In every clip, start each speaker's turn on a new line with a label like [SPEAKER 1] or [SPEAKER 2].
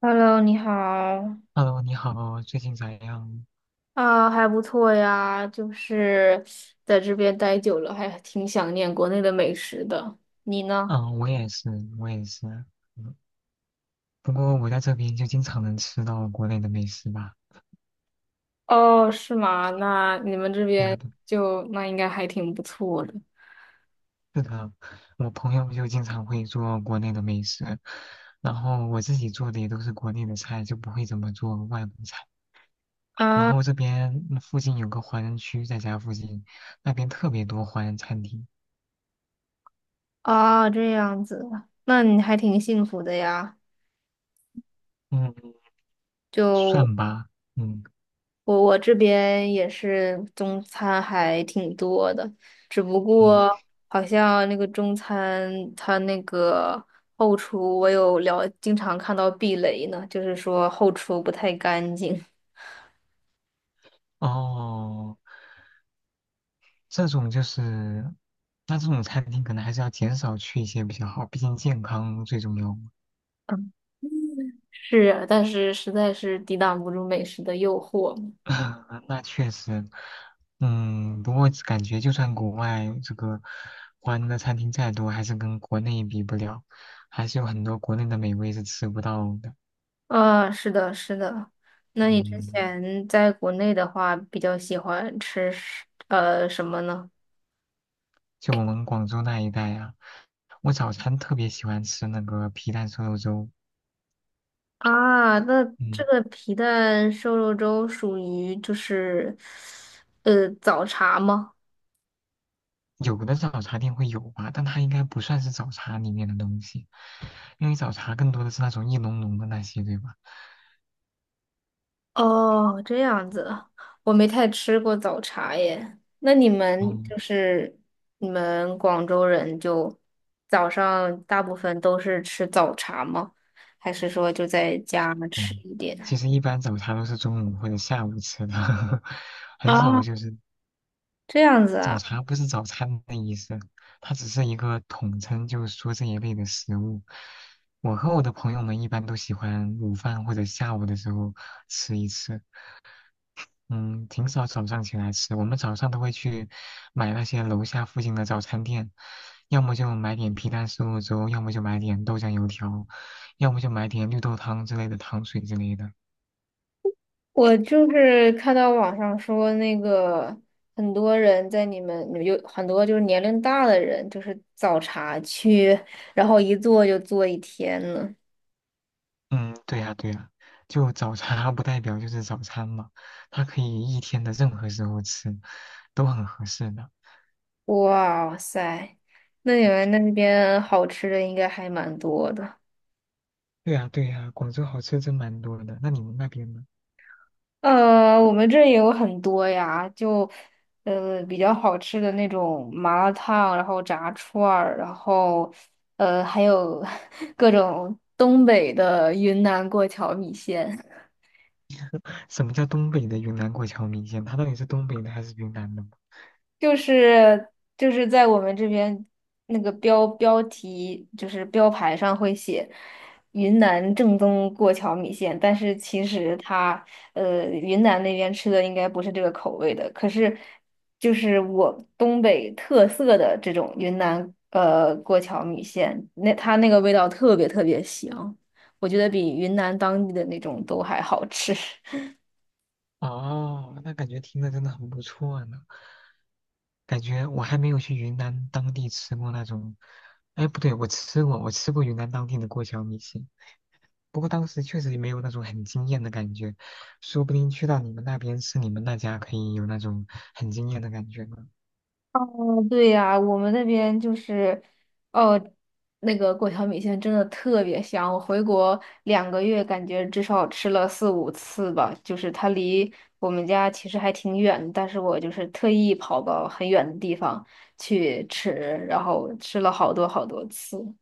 [SPEAKER 1] Hello，你好。
[SPEAKER 2] Hello，你好，最近咋样？
[SPEAKER 1] 啊，还不错呀，就是在这边待久了，还挺想念国内的美食的。你呢？
[SPEAKER 2] 嗯，我也是。嗯，不过我在这边就经常能吃到国内的美食吧。
[SPEAKER 1] 哦，是吗？那你们这
[SPEAKER 2] 对啊，
[SPEAKER 1] 边就那应该还挺不错的。
[SPEAKER 2] 是的，我朋友就经常会做国内的美食，然后我自己做的也都是国内的菜，就不会怎么做外国菜。然
[SPEAKER 1] 啊
[SPEAKER 2] 后这边附近有个华人区，在家附近，那边特别多华人餐厅。
[SPEAKER 1] 啊，这样子，那你还挺幸福的呀。
[SPEAKER 2] 嗯，
[SPEAKER 1] 就。
[SPEAKER 2] 算吧。嗯
[SPEAKER 1] 我这边也是中餐还挺多的，只不
[SPEAKER 2] 嗯。
[SPEAKER 1] 过好像那个中餐它那个后厨，我经常看到避雷呢，就是说后厨不太干净。
[SPEAKER 2] 哦。这种就是，那这种餐厅可能还是要减少去一些比较好，毕竟健康最重要嘛。
[SPEAKER 1] 嗯，是啊，但是实在是抵挡不住美食的诱惑嘛。
[SPEAKER 2] 那确实，不过感觉就算国外这个华人的餐厅再多，还是跟国内比不了，还是有很多国内的美味是吃不到的。
[SPEAKER 1] 啊，是的，是的。那你之
[SPEAKER 2] 嗯，
[SPEAKER 1] 前在国内的话，比较喜欢吃什么呢？
[SPEAKER 2] 就我们广州那一带啊，我早餐特别喜欢吃那个皮蛋瘦肉粥。
[SPEAKER 1] 啊，那这
[SPEAKER 2] 嗯。
[SPEAKER 1] 个皮蛋瘦肉粥属于就是，早茶吗？
[SPEAKER 2] 有的早茶店会有吧，但它应该不算是早茶里面的东西，因为早茶更多的是那种一浓浓的那些，对吧？
[SPEAKER 1] 哦，这样子，我没太吃过早茶耶。那你们
[SPEAKER 2] 嗯，
[SPEAKER 1] 就是你们广州人就早上大部分都是吃早茶吗？还是说就在家吃
[SPEAKER 2] 没，
[SPEAKER 1] 一点？
[SPEAKER 2] 其实一般早茶都是中午或者下午吃的，很少
[SPEAKER 1] 啊，
[SPEAKER 2] 就是
[SPEAKER 1] 这样子
[SPEAKER 2] 早
[SPEAKER 1] 啊。
[SPEAKER 2] 茶不是早餐的意思，它只是一个统称，就是说这一类的食物。我和我的朋友们一般都喜欢午饭或者下午的时候吃一次。嗯，挺少早上起来吃，我们早上都会去买那些楼下附近的早餐店，要么就买点皮蛋瘦肉粥，要么就买点豆浆油条，要么就买点绿豆汤之类的糖水之类的。
[SPEAKER 1] 我就是看到网上说，那个很多人在你们有很多就是年龄大的人，就是早茶去，然后一坐就坐一天呢。
[SPEAKER 2] 嗯，对呀，对呀，就早茶它不代表就是早餐嘛，它可以一天的任何时候吃，都很合适的。
[SPEAKER 1] 哇塞，那你们那边好吃的应该还蛮多的。
[SPEAKER 2] 对呀，对呀，广州好吃真蛮多的。那你们那边呢？
[SPEAKER 1] 我们这也有很多呀，就比较好吃的那种麻辣烫，然后炸串儿，然后还有 各种东北的云南过桥米线。
[SPEAKER 2] 什么叫东北的云南过桥米线？它到底是东北的还是云南的？
[SPEAKER 1] 就是就是在我们这边那个题就是标牌上会写云南正宗过桥米线，但是其实它云南那边吃的应该不是这个口味的，可是就是我东北特色的这种云南过桥米线，那它那个味道特别特别香，我觉得比云南当地的那种都还好吃。
[SPEAKER 2] 哦，那感觉听着真的很不错呢。感觉我还没有去云南当地吃过那种，哎，不对，我吃过云南当地的过桥米线，不过当时确实也没有那种很惊艳的感觉，说不定去到你们那边吃你们那家可以有那种很惊艳的感觉呢。
[SPEAKER 1] 嗯，对呀，我们那边就是，哦，那个过桥米线真的特别香。我回国2个月，感觉至少吃了四五次吧。就是它离我们家其实还挺远，但是我就是特意跑到很远的地方去吃，然后吃了好多好多次。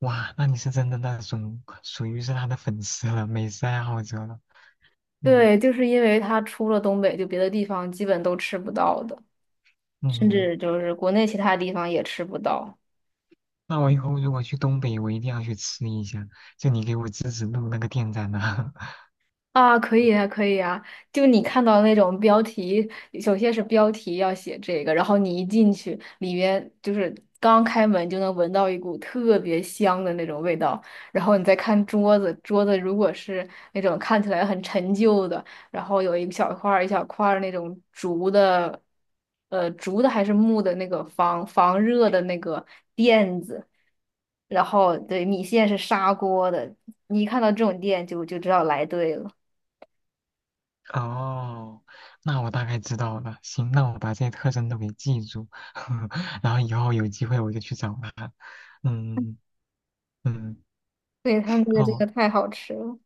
[SPEAKER 2] 哇，那你是真的那种属于是他的粉丝了，美食爱好者了。嗯
[SPEAKER 1] 对，就是因为它出了东北，就别的地方基本都吃不到的，
[SPEAKER 2] 嗯，
[SPEAKER 1] 甚
[SPEAKER 2] 嗯嗯
[SPEAKER 1] 至就是国内其他地方也吃不到。
[SPEAKER 2] 那我以后如果去东北，我一定要去吃一下，就你给我指指路那个店在哪。
[SPEAKER 1] 啊，可以啊，可以啊！就你看到那种标题，首先是标题要写这个，然后你一进去，里面就是刚开门就能闻到一股特别香的那种味道，然后你再看桌子，桌子如果是那种看起来很陈旧的，然后有一小块儿一小块儿那种竹的，竹的还是木的那个热的那个垫子。然后对米线是砂锅的，你一看到这种店就知道来对了。
[SPEAKER 2] 哦，那我大概知道了。行，那我把这些特征都给记住，然后以后有机会我就去找他。嗯嗯，
[SPEAKER 1] 对，它那个这
[SPEAKER 2] 哦，
[SPEAKER 1] 个太好吃了。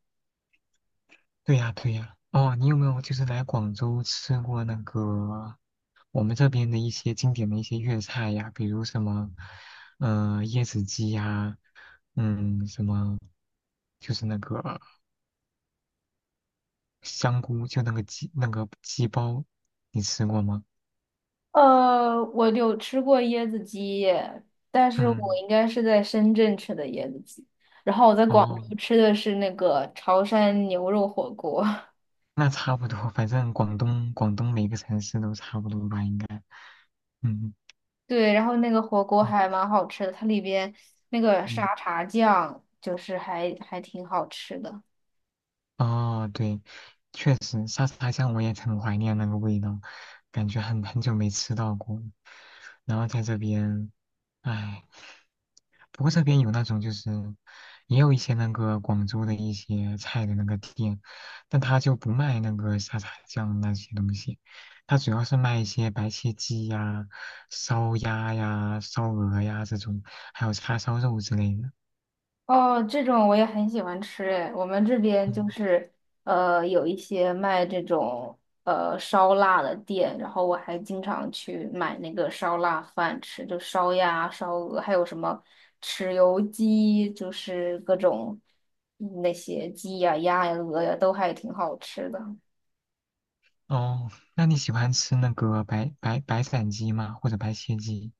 [SPEAKER 2] 对呀对呀。哦，你有没有就是来广州吃过那个我们这边的一些经典的一些粤菜呀？比如什么，嗯，椰子鸡呀，嗯，什么就是那个香菇，就那个鸡包，你吃过吗？
[SPEAKER 1] 我有吃过椰子鸡，但是我
[SPEAKER 2] 嗯。
[SPEAKER 1] 应该是在深圳吃的椰子鸡，然后我在广
[SPEAKER 2] 哦，
[SPEAKER 1] 州吃的是那个潮汕牛肉火锅。
[SPEAKER 2] 那差不多，反正广东每个城市都差不多吧，应该。嗯
[SPEAKER 1] 对，然后那个火锅
[SPEAKER 2] 嗯
[SPEAKER 1] 还蛮好吃的，它里边那个
[SPEAKER 2] 嗯，
[SPEAKER 1] 沙茶酱就是还挺好吃的。
[SPEAKER 2] 哦，对，确实沙茶酱我也很怀念那个味道，感觉很久没吃到过了。然后在这边，唉。不过这边有那种就是，也有一些那个广州的一些菜的那个店，但他就不卖那个沙茶酱那些东西，他主要是卖一些白切鸡呀、烧鸭呀、烧鹅呀这种，还有叉烧肉之类的。
[SPEAKER 1] 哦，这种我也很喜欢吃诶，我们这边
[SPEAKER 2] 嗯，
[SPEAKER 1] 就是有一些卖这种烧腊的店，然后我还经常去买那个烧腊饭吃，就烧鸭、烧鹅，还有什么豉油鸡，就是各种那些鸡呀、鸭呀、鹅呀，都还挺好吃的。
[SPEAKER 2] 哦，那你喜欢吃那个白斩鸡吗？或者白切鸡？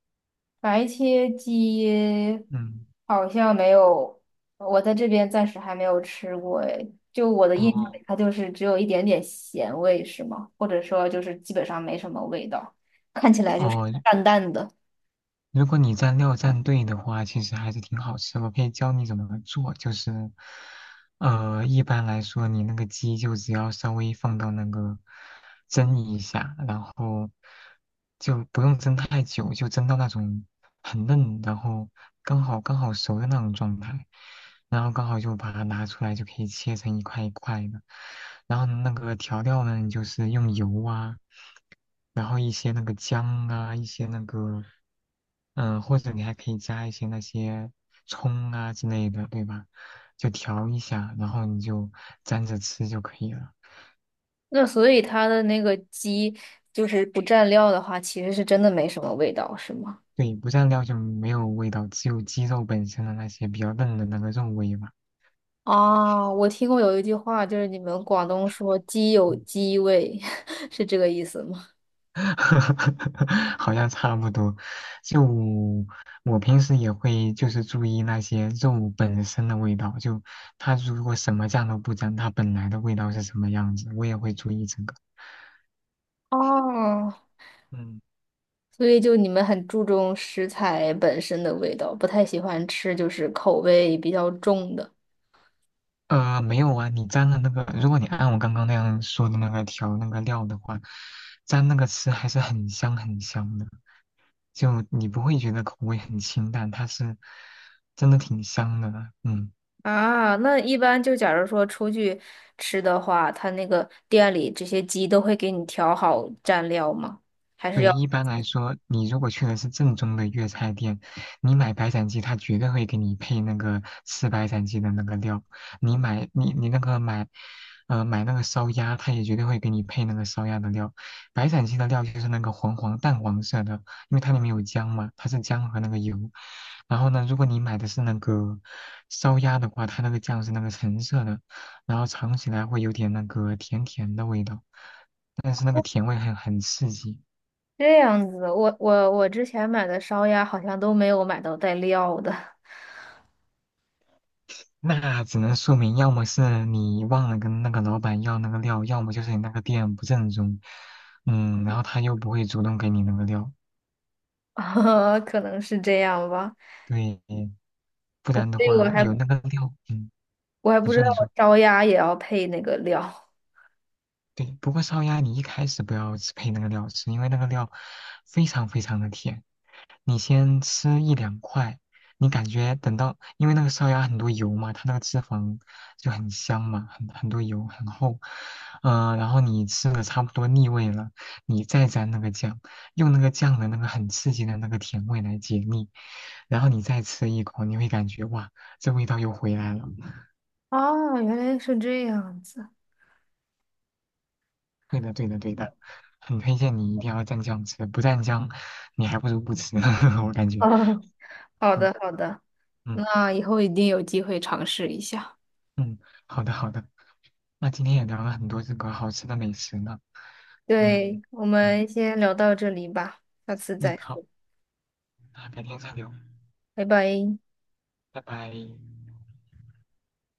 [SPEAKER 1] 白切鸡
[SPEAKER 2] 嗯，
[SPEAKER 1] 好像没有，我在这边暂时还没有吃过诶。就我的印象
[SPEAKER 2] 哦
[SPEAKER 1] 里，它就是只有一点点咸味，是吗？或者说就是基本上没什么味道，看起来就是
[SPEAKER 2] 哦，
[SPEAKER 1] 淡淡的。
[SPEAKER 2] 如果你蘸料蘸对的话，其实还是挺好吃。我可以教你怎么做，就是，一般来说，你那个鸡就只要稍微放到那个蒸一下，然后就不用蒸太久，就蒸到那种很嫩，然后刚好熟的那种状态，然后刚好就把它拿出来，就可以切成一块一块的。然后那个调料呢，你就是用油啊，然后一些那个姜啊，一些那个。或者你还可以加一些那些葱啊之类的，对吧？就调一下，然后你就蘸着吃就可以了。
[SPEAKER 1] 那所以它的那个鸡就是不蘸料的话，其实是真的没什么味道，是吗？
[SPEAKER 2] 对，不蘸料就没有味道，只有鸡肉本身的那些比较嫩的那个肉味吧。
[SPEAKER 1] 啊，我听过有一句话，就是你们广东说"鸡有
[SPEAKER 2] 嗯，
[SPEAKER 1] 鸡味"，是这个意思吗？
[SPEAKER 2] 好像差不多。就我平时也会就是注意那些肉本身的味道，就它如果什么酱都不沾，它本来的味道是什么样子，我也会注意这个。
[SPEAKER 1] 哦，
[SPEAKER 2] 嗯。
[SPEAKER 1] 所以就你们很注重食材本身的味道，不太喜欢吃就是口味比较重的。
[SPEAKER 2] 没有啊，你蘸了那个，如果你按我刚刚那样说的那个调料的话，蘸那个吃还是很香的，就你不会觉得口味很清淡，它是真的挺香的，嗯。
[SPEAKER 1] 啊，那一般就假如说出去吃的话，他那个店里这些鸡都会给你调好蘸料吗？还是
[SPEAKER 2] 对，
[SPEAKER 1] 要
[SPEAKER 2] 一般来说，你如果去的是正宗的粤菜店，你买白斩鸡，他绝对会给你配那个吃白斩鸡的那个料。你买你你那个买，呃，买那个烧鸭，他也绝对会给你配那个烧鸭的料。白斩鸡的料就是那个黄淡黄色的，因为它里面有姜嘛，它是姜和那个油。然后呢，如果你买的是那个烧鸭的话，它那个酱是那个橙色的，然后尝起来会有点那个甜甜的味道，但是那个甜味很刺激。
[SPEAKER 1] 这样子？我之前买的烧鸭好像都没有买到带料的，
[SPEAKER 2] 那只能说明，要么是你忘了跟那个老板要那个料，要么就是你那个店不正宗，嗯，然后他又不会主动给你那个料，
[SPEAKER 1] 啊，可能是这样吧。
[SPEAKER 2] 对，不然的
[SPEAKER 1] 所以我
[SPEAKER 2] 话
[SPEAKER 1] 还
[SPEAKER 2] 有那个料，嗯，
[SPEAKER 1] 我还
[SPEAKER 2] 你
[SPEAKER 1] 不知
[SPEAKER 2] 说
[SPEAKER 1] 道
[SPEAKER 2] 你说，
[SPEAKER 1] 烧鸭也要配那个料。
[SPEAKER 2] 对，不过烧鸭你一开始不要吃配那个料吃，因为那个料非常非常的甜，你先吃一两块，你感觉等到，因为那个烧鸭很多油嘛，它那个脂肪就很香嘛，很多油，很厚，嗯，然后你吃的差不多腻味了，你再蘸那个酱，用那个酱的那个很刺激的那个甜味来解腻，然后你再吃一口，你会感觉哇，这味道又回来了。
[SPEAKER 1] 啊，原来是这样子。
[SPEAKER 2] 对的，对的，对的，很推荐你一定要蘸酱吃，不蘸酱，你还不如不吃，我感 觉。
[SPEAKER 1] 哦，好
[SPEAKER 2] 嗯
[SPEAKER 1] 的好的，
[SPEAKER 2] 嗯
[SPEAKER 1] 那以后一定有机会尝试一下。
[SPEAKER 2] 嗯，好的好的，那今天也聊了很多这个好吃的美食呢，嗯
[SPEAKER 1] 对，我
[SPEAKER 2] 嗯
[SPEAKER 1] 们先聊到这里吧，下次
[SPEAKER 2] 嗯，
[SPEAKER 1] 再
[SPEAKER 2] 好，
[SPEAKER 1] 说，
[SPEAKER 2] 那改天再聊，
[SPEAKER 1] 拜拜。
[SPEAKER 2] 拜拜。